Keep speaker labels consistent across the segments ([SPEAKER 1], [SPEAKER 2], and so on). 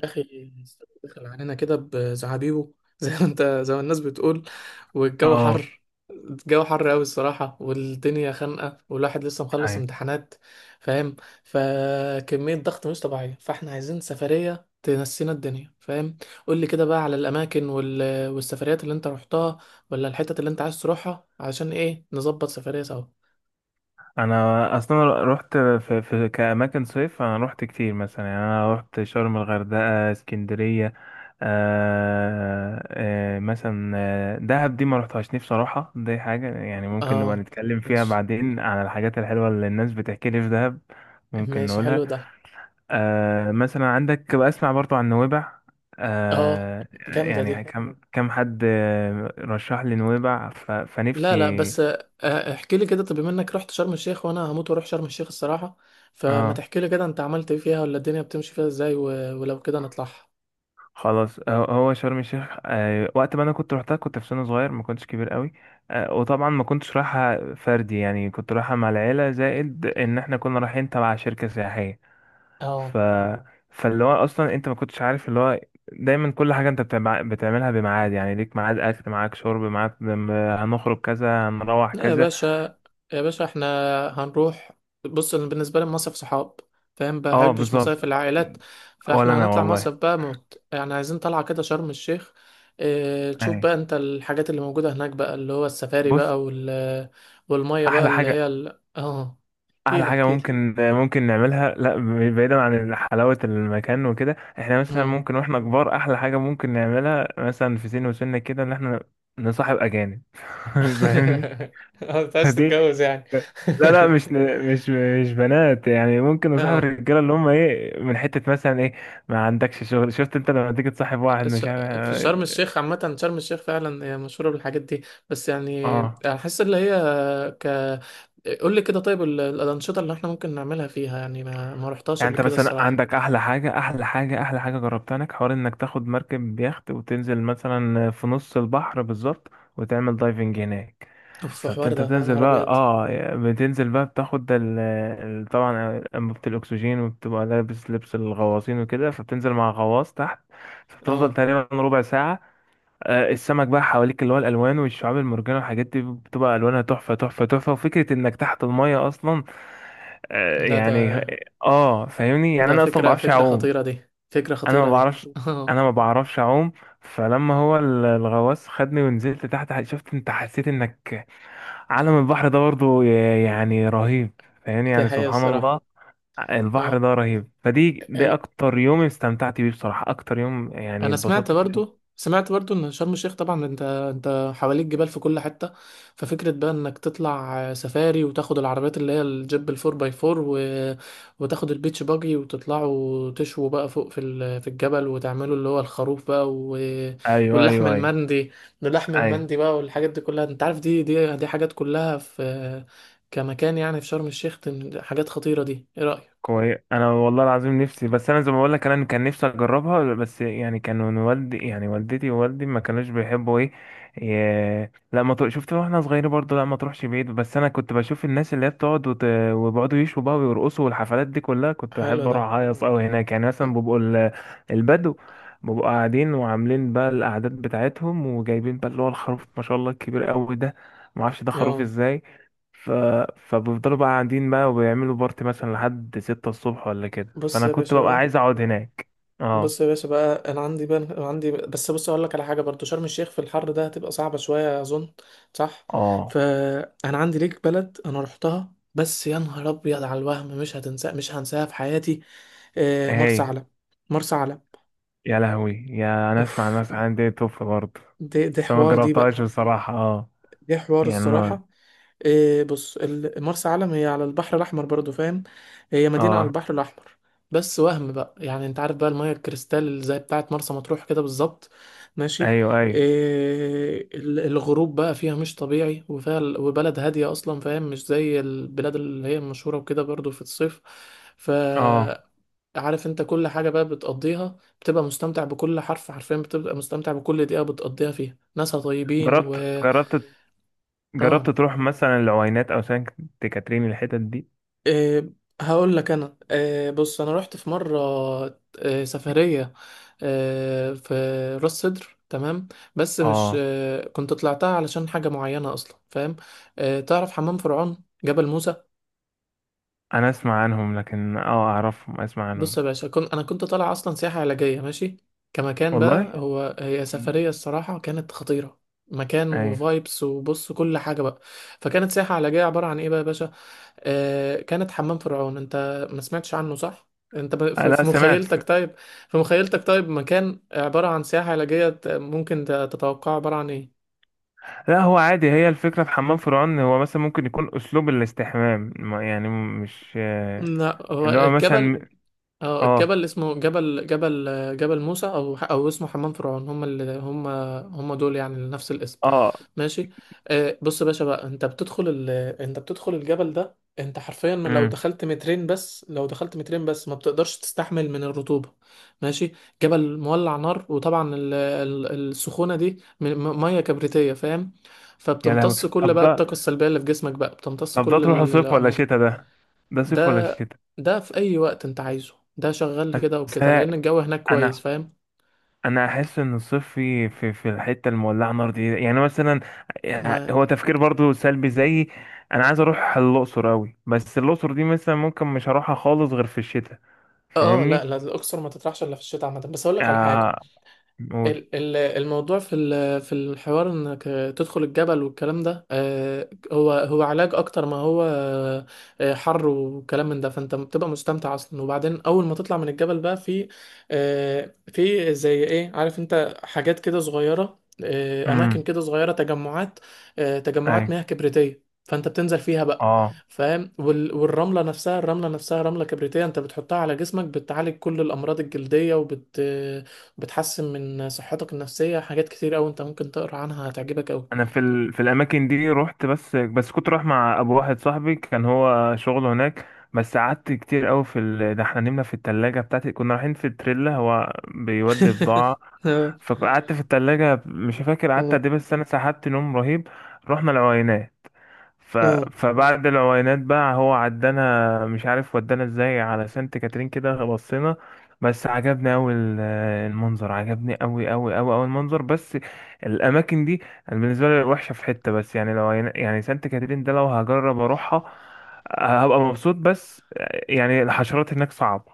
[SPEAKER 1] يا اخي دخل علينا كده بزعابيبه زي ما انت زي ما الناس بتقول والجو
[SPEAKER 2] اه
[SPEAKER 1] حر. الجو حر قوي الصراحه والدنيا خانقه والواحد لسه مخلص
[SPEAKER 2] ايوه
[SPEAKER 1] امتحانات، فاهم؟ فكميه ضغط مش طبيعيه، فاحنا عايزين سفريه تنسينا الدنيا، فاهم؟ قول لي كده بقى على الاماكن والسفريات اللي انت رحتها، ولا الحتت اللي انت عايز تروحها، علشان ايه نظبط سفريه سوا.
[SPEAKER 2] انا اصلا رحت في كاماكن صيف. انا رحت كتير مثلا، يعني انا رحت شرم، الغردقه، اسكندريه. مثلا دهب دي ما رحتهاش، نفسي بصراحه. دي حاجه يعني ممكن نبقى
[SPEAKER 1] اه
[SPEAKER 2] نتكلم فيها
[SPEAKER 1] ماشي.
[SPEAKER 2] بعدين، عن الحاجات الحلوه اللي الناس بتحكي لي في دهب. ممكن
[SPEAKER 1] ماشي
[SPEAKER 2] نقولها.
[SPEAKER 1] حلو ده.
[SPEAKER 2] مثلا عندك بقى، اسمع برضو عن نويبع.
[SPEAKER 1] اه جامده دي.
[SPEAKER 2] يعني كم حد رشح لي نويبع فنفسي.
[SPEAKER 1] لا لا بس احكي لي كده. طب بما انك رحت شرم الشيخ، وانا هموت واروح شرم الشيخ الصراحة، فما
[SPEAKER 2] اه
[SPEAKER 1] تحكي لي كده انت عملت ايه فيها، ولا الدنيا بتمشي فيها ازاي، ولو كده نطلعها.
[SPEAKER 2] خلاص. هو شرم الشيخ وقت ما انا كنت روحتها كنت في سن صغير، ما كنتش كبير قوي. وطبعا ما كنتش رايحه فردي، يعني كنت رايحه مع العيله، زائد ان احنا كنا رايحين تبع شركه سياحيه.
[SPEAKER 1] اه
[SPEAKER 2] ف فاللي هو اصلا انت ما كنتش عارف اللي هو دايما كل حاجه انت بتعملها بميعاد، يعني ليك ميعاد، اكل معاك، شرب معاك، هنخرج كذا، هنروح
[SPEAKER 1] لا يا
[SPEAKER 2] كذا.
[SPEAKER 1] باشا، يا باشا احنا هنروح. بص، أنا بالنسبة لي المصيف صحاب، فاهم؟
[SPEAKER 2] اه
[SPEAKER 1] بحبش
[SPEAKER 2] بالظبط.
[SPEAKER 1] مصايف العائلات،
[SPEAKER 2] ولا
[SPEAKER 1] فاحنا
[SPEAKER 2] انا
[SPEAKER 1] هنطلع
[SPEAKER 2] والله.
[SPEAKER 1] مصيف بقى موت، يعني عايزين طلعة كده شرم الشيخ. اه تشوف
[SPEAKER 2] أيوة.
[SPEAKER 1] بقى انت الحاجات اللي موجودة هناك بقى، اللي هو السفاري
[SPEAKER 2] بص،
[SPEAKER 1] بقى وال، والمية بقى
[SPEAKER 2] احلى
[SPEAKER 1] اللي
[SPEAKER 2] حاجه،
[SPEAKER 1] هي اه
[SPEAKER 2] احلى
[SPEAKER 1] احكيلي
[SPEAKER 2] حاجه
[SPEAKER 1] احكيلي.
[SPEAKER 2] ممكن ممكن نعملها، لا، بعيدا عن حلاوه المكان وكده، احنا مثلا ممكن واحنا كبار احلى حاجه ممكن نعملها مثلا في سن وسنة كده، ان احنا نصاحب اجانب. فاهمني؟
[SPEAKER 1] اه انت عايز
[SPEAKER 2] فدي،
[SPEAKER 1] تتجوز يعني.
[SPEAKER 2] لا مش، مش بنات، يعني ممكن نصاحب
[SPEAKER 1] اه
[SPEAKER 2] الرجاله اللي هم ايه من حته مثلا ايه. ما عندكش شغل. شفت انت لما تيجي تصاحب واحد
[SPEAKER 1] الش-
[SPEAKER 2] مش
[SPEAKER 1] في
[SPEAKER 2] عارف.
[SPEAKER 1] شرم الشيخ عامة، شرم الشيخ فعلا هي مشهورة بالحاجات دي، بس يعني
[SPEAKER 2] اه.
[SPEAKER 1] أحس اللي هي ك، قول لي كده طيب الأنشطة اللي احنا ممكن نعملها فيها، يعني ما رحتهاش
[SPEAKER 2] يعني
[SPEAKER 1] قبل
[SPEAKER 2] انت
[SPEAKER 1] كده
[SPEAKER 2] مثلا
[SPEAKER 1] الصراحة.
[SPEAKER 2] عندك احلى حاجه، احلى حاجه جربتها، انك حوار، انك تاخد مركب بيخت وتنزل مثلا في نص البحر بالظبط، وتعمل دايفنج هناك.
[SPEAKER 1] اوف
[SPEAKER 2] فانت
[SPEAKER 1] الحوار ده، يا
[SPEAKER 2] بتنزل
[SPEAKER 1] نهار
[SPEAKER 2] بقى،
[SPEAKER 1] أبيض.
[SPEAKER 2] اه، بتنزل بقى بتاخد طبعا انبوبه الاكسجين، وبتبقى لابس لبس الغواصين وكده، فبتنزل مع غواص تحت. فبتفضل
[SPEAKER 1] اه
[SPEAKER 2] تقريبا ربع ساعه. السمك بقى حواليك، اللي هو الالوان والشعاب المرجانيه والحاجات دي بتبقى الوانها تحفه، وفكره انك تحت الميه اصلا. آه،
[SPEAKER 1] لا
[SPEAKER 2] يعني
[SPEAKER 1] ده،
[SPEAKER 2] اه فاهمني، يعني
[SPEAKER 1] ده
[SPEAKER 2] انا اصلا ما
[SPEAKER 1] فكرة،
[SPEAKER 2] بعرفش اعوم.
[SPEAKER 1] فكرة
[SPEAKER 2] انا
[SPEAKER 1] خطيرة
[SPEAKER 2] ما
[SPEAKER 1] دي.
[SPEAKER 2] بعرفش،
[SPEAKER 1] اه
[SPEAKER 2] انا ما بعرفش اعوم. فلما هو الغواص خدني ونزلت تحت، شفت انت، حسيت انك عالم البحر ده برضو يعني رهيب. فاهمني،
[SPEAKER 1] دي
[SPEAKER 2] يعني
[SPEAKER 1] حقيقة
[SPEAKER 2] سبحان
[SPEAKER 1] الصراحة.
[SPEAKER 2] الله. البحر
[SPEAKER 1] اه
[SPEAKER 2] ده رهيب. فدي، ده اكتر يوم استمتعت بيه بصراحة، اكتر يوم يعني
[SPEAKER 1] انا سمعت
[SPEAKER 2] اتبسطت فيه.
[SPEAKER 1] برضو، سمعت برضو ان شرم الشيخ طبعا انت حواليك جبال في كل حته. ففكره بقى انك تطلع سفاري وتاخد العربيات اللي هي الجيب الفور باي فور و، وتاخد البيتش باجي وتطلعوا تشووا بقى فوق في الجبل، وتعملوا اللي هو الخروف بقى و،
[SPEAKER 2] ايوه
[SPEAKER 1] واللحم
[SPEAKER 2] ايوه ايوه
[SPEAKER 1] المندي. اللحم
[SPEAKER 2] ايوه
[SPEAKER 1] المندي بقى والحاجات دي كلها انت عارف، دي حاجات كلها في كمكان يعني في شرم الشيخ. حاجات خطيره دي، ايه رايك؟
[SPEAKER 2] كويس. انا والله العظيم نفسي، بس انا زي ما بقول لك، انا كان نفسي اجربها، بس يعني كانوا والدي، يعني والدتي ووالدي ما كانوش بيحبوا ايه، لا ما تروح- شفت، واحنا صغيرين برضه، لا ما تروحش بعيد. بس انا كنت بشوف الناس اللي هي بتقعد وبيقعدوا يشوا بقى ويرقصوا، والحفلات دي كلها كنت
[SPEAKER 1] حلو
[SPEAKER 2] بحب
[SPEAKER 1] ده.
[SPEAKER 2] اروح اهيص قوي هناك. يعني مثلا بيبقوا البدو بيبقوا قاعدين وعاملين بقى القعدات بتاعتهم، وجايبين بقى اللي هو الخروف ما شاء الله الكبير قوي ده، ما اعرفش ده خروف
[SPEAKER 1] اه
[SPEAKER 2] ازاي. ف... فبيفضلوا بقى قاعدين بقى وبيعملوا بارتي مثلا لحد ستة الصبح ولا كده،
[SPEAKER 1] بص
[SPEAKER 2] فأنا
[SPEAKER 1] يا
[SPEAKER 2] كنت
[SPEAKER 1] باشا
[SPEAKER 2] ببقى
[SPEAKER 1] بقى،
[SPEAKER 2] عايز أقعد هناك. اه.
[SPEAKER 1] بص يا باشا بقى انا عندي بقى، عندي بس بص اقول لك على حاجه برضو، شرم الشيخ في الحر ده هتبقى صعبه شويه اظن، صح؟
[SPEAKER 2] اه.
[SPEAKER 1] فانا عندي ليك بلد انا رحتها، بس يا نهار ابيض على الوهم، مش هنساها في حياتي. مرسى
[SPEAKER 2] هي.
[SPEAKER 1] علم. مرسى علم.
[SPEAKER 2] يا لهوي، يا، أنا أسمع
[SPEAKER 1] اوف
[SPEAKER 2] الناس عندي. توف برضه.
[SPEAKER 1] دي
[SPEAKER 2] بس أنا
[SPEAKER 1] حوار دي بقى.
[SPEAKER 2] مجربتهاش بصراحة. اه
[SPEAKER 1] دي حوار
[SPEAKER 2] يعني أنا
[SPEAKER 1] الصراحه. إيه بص، مرسى علم هي على البحر الأحمر برضو، فاهم؟ هي مدينة على
[SPEAKER 2] اه.
[SPEAKER 1] البحر الأحمر. بس وهم بقى، يعني انت عارف بقى المية الكريستال زي بتاعة مرسى مطروح كده بالظبط، ماشي؟
[SPEAKER 2] أيوه أيوه.
[SPEAKER 1] إيه الغروب بقى فيها مش طبيعي، وفيها وبلد هادية أصلا، فاهم؟ مش زي البلاد اللي هي المشهورة وكده برضو في الصيف. ف،
[SPEAKER 2] اه.
[SPEAKER 1] عارف انت كل حاجة بقى بتقضيها بتبقى مستمتع بكل حرف، حرفيا بتبقى مستمتع بكل دقيقة بتقضيها فيها، ناسها طيبين و،
[SPEAKER 2] جربت، جربت، جربت
[SPEAKER 1] اه
[SPEAKER 2] تروح مثلا العوينات أو سانت كاترين، الحتت دي؟
[SPEAKER 1] إيه هقول لك انا، إيه بص انا رحت في مره، إيه سفريه، إيه في راس سدر، تمام؟ بس مش
[SPEAKER 2] اه.
[SPEAKER 1] إيه، كنت طلعتها علشان حاجه معينه اصلا، فاهم؟ إيه تعرف حمام فرعون، جبل موسى؟
[SPEAKER 2] أنا أسمع عنهم لكن، اه، أعرفهم، أسمع
[SPEAKER 1] بص
[SPEAKER 2] عنهم.
[SPEAKER 1] يا باشا، كنت انا كنت طالع اصلا سياحه علاجيه، ماشي؟ كمكان بقى،
[SPEAKER 2] والله.
[SPEAKER 1] هو هي سفريه الصراحه كانت خطيره. مكان
[SPEAKER 2] أيوه.
[SPEAKER 1] وفايبس وبص كل حاجه بقى. فكانت سياحه علاجيه عباره عن ايه بقى يا باشا؟ كانت حمام فرعون. انت ما سمعتش عنه، صح؟ في
[SPEAKER 2] لا سمعت.
[SPEAKER 1] مخيلتك، طيب في مخيلتك طيب، مكان عبارة عن سياحة علاجية، ممكن تتوقع عبارة عن ايه؟
[SPEAKER 2] لا هو عادي، هي الفكرة في حمام فرعون، هو مثلا ممكن يكون أسلوب الاستحمام يعني مش
[SPEAKER 1] لا هو
[SPEAKER 2] اللي هو
[SPEAKER 1] الجبل.
[SPEAKER 2] مثلا.
[SPEAKER 1] اه الجبل
[SPEAKER 2] اه.
[SPEAKER 1] اسمه جبل، جبل موسى، او اسمه حمام فرعون، هم اللي هم، هم دول يعني نفس الاسم.
[SPEAKER 2] اه.
[SPEAKER 1] ماشي. آه بص يا باشا بقى، انت بتدخل الجبل ده، انت حرفيا لو
[SPEAKER 2] امم
[SPEAKER 1] دخلت مترين بس، لو دخلت مترين بس ما بتقدرش تستحمل من الرطوبة، ماشي؟ جبل مولع نار، وطبعا السخونة دي مية كبريتية، فاهم؟
[SPEAKER 2] يا لهوي.
[SPEAKER 1] فبتمتص كل
[SPEAKER 2] طب
[SPEAKER 1] بقى
[SPEAKER 2] ده،
[SPEAKER 1] الطاقة السلبية اللي في جسمك بقى، بتمتص
[SPEAKER 2] طب ده
[SPEAKER 1] كل
[SPEAKER 2] تروحوا صيف ولا
[SPEAKER 1] الأمر.
[SPEAKER 2] شتاء؟ ده ده
[SPEAKER 1] ده
[SPEAKER 2] صيف ولا شتاء؟
[SPEAKER 1] ده في اي وقت انت عايزه، ده شغال كده
[SPEAKER 2] بس
[SPEAKER 1] وكده
[SPEAKER 2] أنا،
[SPEAKER 1] لان الجو هناك كويس،
[SPEAKER 2] أنا،
[SPEAKER 1] فاهم؟
[SPEAKER 2] أنا أحس إن الصيف في الحتة المولعة نار دي، يعني مثلا، يعني
[SPEAKER 1] ما
[SPEAKER 2] هو تفكير برضو سلبي زيي. أنا عايز أروح الأقصر أوي، بس الأقصر دي مثلا ممكن مش هروحها خالص غير في الشتاء.
[SPEAKER 1] اه، لا
[SPEAKER 2] فاهمني؟
[SPEAKER 1] لا الاقصر ما تطرحش الا في الشتاء عامه، بس اقول لك على حاجه.
[SPEAKER 2] آه. قول.
[SPEAKER 1] الموضوع في في الحوار انك تدخل الجبل والكلام ده، هو هو علاج اكتر ما هو حر وكلام من ده. فانت بتبقى مستمتع اصلا، وبعدين اول ما تطلع من الجبل بقى في في زي ايه، عارف انت حاجات كده صغيرة، اماكن
[SPEAKER 2] امم
[SPEAKER 1] كده صغيرة، تجمعات، تجمعات مياه كبريتية، فانت بتنزل فيها بقى،
[SPEAKER 2] اه
[SPEAKER 1] فاهم؟ والرملة نفسها، الرملة نفسها رملة كبريتية، انت بتحطها على جسمك بتعالج كل الامراض الجلدية، وبت بتحسن من صحتك النفسية، حاجات كتير أوي أنت ممكن تقرأ عنها، هتعجبك أوي.
[SPEAKER 2] انا في في الاماكن دي رحت، بس كنت رايح مع ابو واحد صاحبي، كان هو شغله هناك. بس قعدت كتير قوي في ده احنا نمنا في التلاجة بتاعتي، كنا رايحين في التريلا، هو بيودي بضاعة.
[SPEAKER 1] اه
[SPEAKER 2] فقعدت في التلاجة، مش فاكر قعدت
[SPEAKER 1] اه.
[SPEAKER 2] قد ايه، بس انا سحبت نوم رهيب. رحنا العوينات. ف...
[SPEAKER 1] آه.
[SPEAKER 2] فبعد العوينات بقى هو عدانا، مش عارف ودانا ازاي، على سانت كاترين كده بصينا. بس عجبني اوي المنظر. عجبني اوي المنظر. بس الاماكن دي أنا بالنسبه لي وحشه في حته. بس يعني لو يعني سانت كاترين ده لو هجرب اروحها هبقى مبسوط. بس يعني الحشرات هناك صعبه.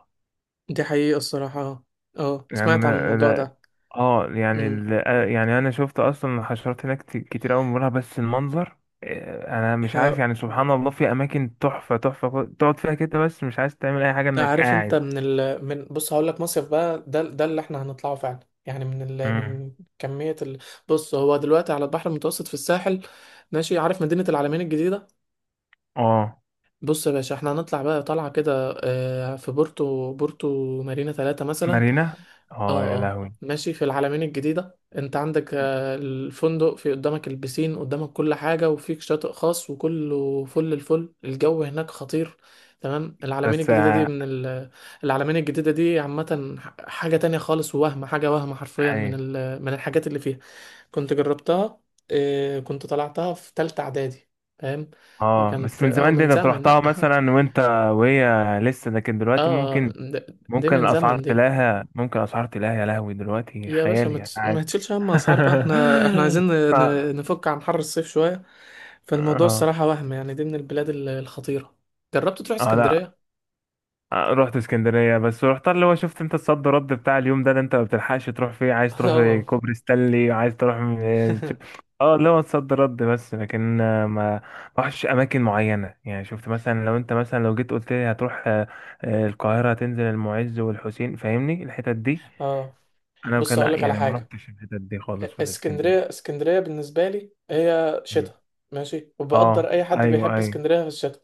[SPEAKER 1] دي حقيقة الصراحة. اه آه.
[SPEAKER 2] يعني
[SPEAKER 1] سمعت عن الموضوع ده.
[SPEAKER 2] اه. يعني
[SPEAKER 1] أمم.
[SPEAKER 2] ال... آه، يعني انا شفت اصلا الحشرات هناك كتير قوي مرة، بس المنظر انا مش عارف.
[SPEAKER 1] آه.
[SPEAKER 2] يعني سبحان الله، في اماكن تحفة تقعد فيها كده، بس مش عايز تعمل اي حاجة، انك
[SPEAKER 1] عارف أنت
[SPEAKER 2] قاعد.
[SPEAKER 1] من ال من، بص هقول لك، مصيف بقى ده ده اللي احنا هنطلعه فعلا، يعني من ال
[SPEAKER 2] امم.
[SPEAKER 1] من، كمية ال، بص هو دلوقتي على البحر المتوسط في الساحل، ماشي؟ عارف مدينة العلمين الجديدة؟
[SPEAKER 2] اه.
[SPEAKER 1] بص يا باشا، احنا هنطلع بقى طلعة كده في بورتو، بورتو مارينا 3 مثلا.
[SPEAKER 2] مارينا. اه يا
[SPEAKER 1] اه اه
[SPEAKER 2] لهوي.
[SPEAKER 1] ماشي، في العلمين الجديدة انت عندك الفندق في قدامك، البسين قدامك، كل حاجة وفيك شاطئ خاص، وكله فل الفل، الجو هناك خطير. تمام. العلمين
[SPEAKER 2] بس
[SPEAKER 1] الجديدة دي من العلمين الجديدة دي عامة حاجة تانية خالص، ووهم، حاجة وهم حرفيا،
[SPEAKER 2] اي.
[SPEAKER 1] من من الحاجات اللي فيها. كنت جربتها كنت طلعتها في تالتة إعدادي، فاهم؟
[SPEAKER 2] اه، بس
[SPEAKER 1] كانت
[SPEAKER 2] من
[SPEAKER 1] اه
[SPEAKER 2] زمان دي
[SPEAKER 1] من
[SPEAKER 2] انت
[SPEAKER 1] زمن.
[SPEAKER 2] رحتها
[SPEAKER 1] اه
[SPEAKER 2] مثلا، وانت وهي لسه. لكن دلوقتي
[SPEAKER 1] اه
[SPEAKER 2] ممكن،
[SPEAKER 1] ده
[SPEAKER 2] ممكن
[SPEAKER 1] من
[SPEAKER 2] الاسعار
[SPEAKER 1] زمن دي.
[SPEAKER 2] تلاقيها، ممكن الاسعار تلاقيها يا لهوي دلوقتي
[SPEAKER 1] يا باشا
[SPEAKER 2] خيالي
[SPEAKER 1] ما
[SPEAKER 2] يعني.
[SPEAKER 1] تشيلش هم اسعار بقى، احنا، احنا عايزين نفك عن حر الصيف شوية، فالموضوع
[SPEAKER 2] اه.
[SPEAKER 1] الصراحة وهم، يعني دي من البلاد الخطيرة. جربت تروح
[SPEAKER 2] اه. لا.
[SPEAKER 1] اسكندرية؟
[SPEAKER 2] رحت اسكندرية، بس رحت اللي هو، شفت انت الصد رد بتاع اليوم ده، اللي انت ما بتلحقش تروح فيه، عايز تروح
[SPEAKER 1] اه.
[SPEAKER 2] كوبري ستانلي، عايز تروح اه اللي هو الصد رد. بس لكن ما رحتش اماكن معينة، يعني شفت مثلا، لو انت مثلا لو جيت قلت لي هتروح القاهرة، تنزل المعز والحسين، فاهمني الحتت دي.
[SPEAKER 1] اه
[SPEAKER 2] انا
[SPEAKER 1] بص
[SPEAKER 2] كان
[SPEAKER 1] اقول لك على
[SPEAKER 2] يعني ما
[SPEAKER 1] حاجة،
[SPEAKER 2] رحتش الحتت دي خالص في
[SPEAKER 1] اسكندرية،
[SPEAKER 2] الاسكندرية.
[SPEAKER 1] اسكندرية بالنسبة لي هي
[SPEAKER 2] مم.
[SPEAKER 1] شتاء، ماشي؟ وبقدر
[SPEAKER 2] اه.
[SPEAKER 1] اي حد
[SPEAKER 2] ايوه
[SPEAKER 1] بيحب
[SPEAKER 2] ايوه
[SPEAKER 1] اسكندرية في الشتاء،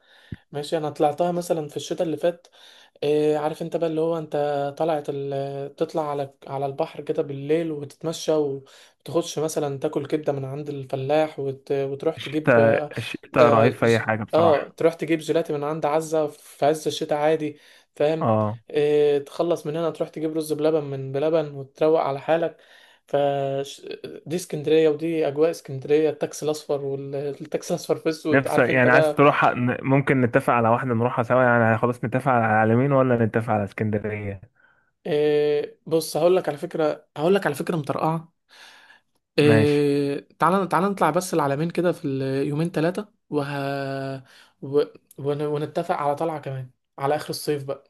[SPEAKER 1] ماشي؟ انا طلعتها مثلا في الشتاء اللي فات. إيه عارف انت بقى اللي هو، انت طلعت تطلع على البحر كده بالليل وتتمشى، وتاخدش مثلا تاكل كبدة من عند الفلاح، وتروح تجيب
[SPEAKER 2] الشتاء
[SPEAKER 1] اه،
[SPEAKER 2] الشتاء
[SPEAKER 1] آه
[SPEAKER 2] رهيب في اي حاجة
[SPEAKER 1] آه،
[SPEAKER 2] بصراحة.
[SPEAKER 1] تروح تجيب جيلاتي من عند عزة في عز الشتاء عادي، فاهم؟
[SPEAKER 2] اه
[SPEAKER 1] إيه تخلص من هنا تروح تجيب رز بلبن من بلبن وتروق على حالك. ف، ش-، دي اسكندرية، ودي أجواء اسكندرية، التاكسي الأصفر، والتاكسي الأصفر في أسود،
[SPEAKER 2] نفسك
[SPEAKER 1] عارف انت
[SPEAKER 2] يعني عايز
[SPEAKER 1] بقى.
[SPEAKER 2] تروح. ممكن نتفق على واحدة نروحها سوا، يعني خلاص نتفق على العلمين، ولا نتفق على اسكندرية؟
[SPEAKER 1] إيه بص هقول لك على فكرة، هقول لك على فكرة مطرقعة،
[SPEAKER 2] ماشي.
[SPEAKER 1] إيه تعالى تعالى نطلع بس العلمين كده في اليومين 3 و... ونتفق على طلعة كمان على آخر الصيف بقى،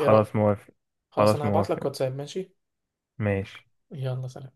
[SPEAKER 1] ايه رأيك؟
[SPEAKER 2] موافق.
[SPEAKER 1] خلاص،
[SPEAKER 2] خلاص
[SPEAKER 1] انا هبعت لك
[SPEAKER 2] موافق.
[SPEAKER 1] واتساب، ماشي؟
[SPEAKER 2] ماشي.
[SPEAKER 1] يلا سلام.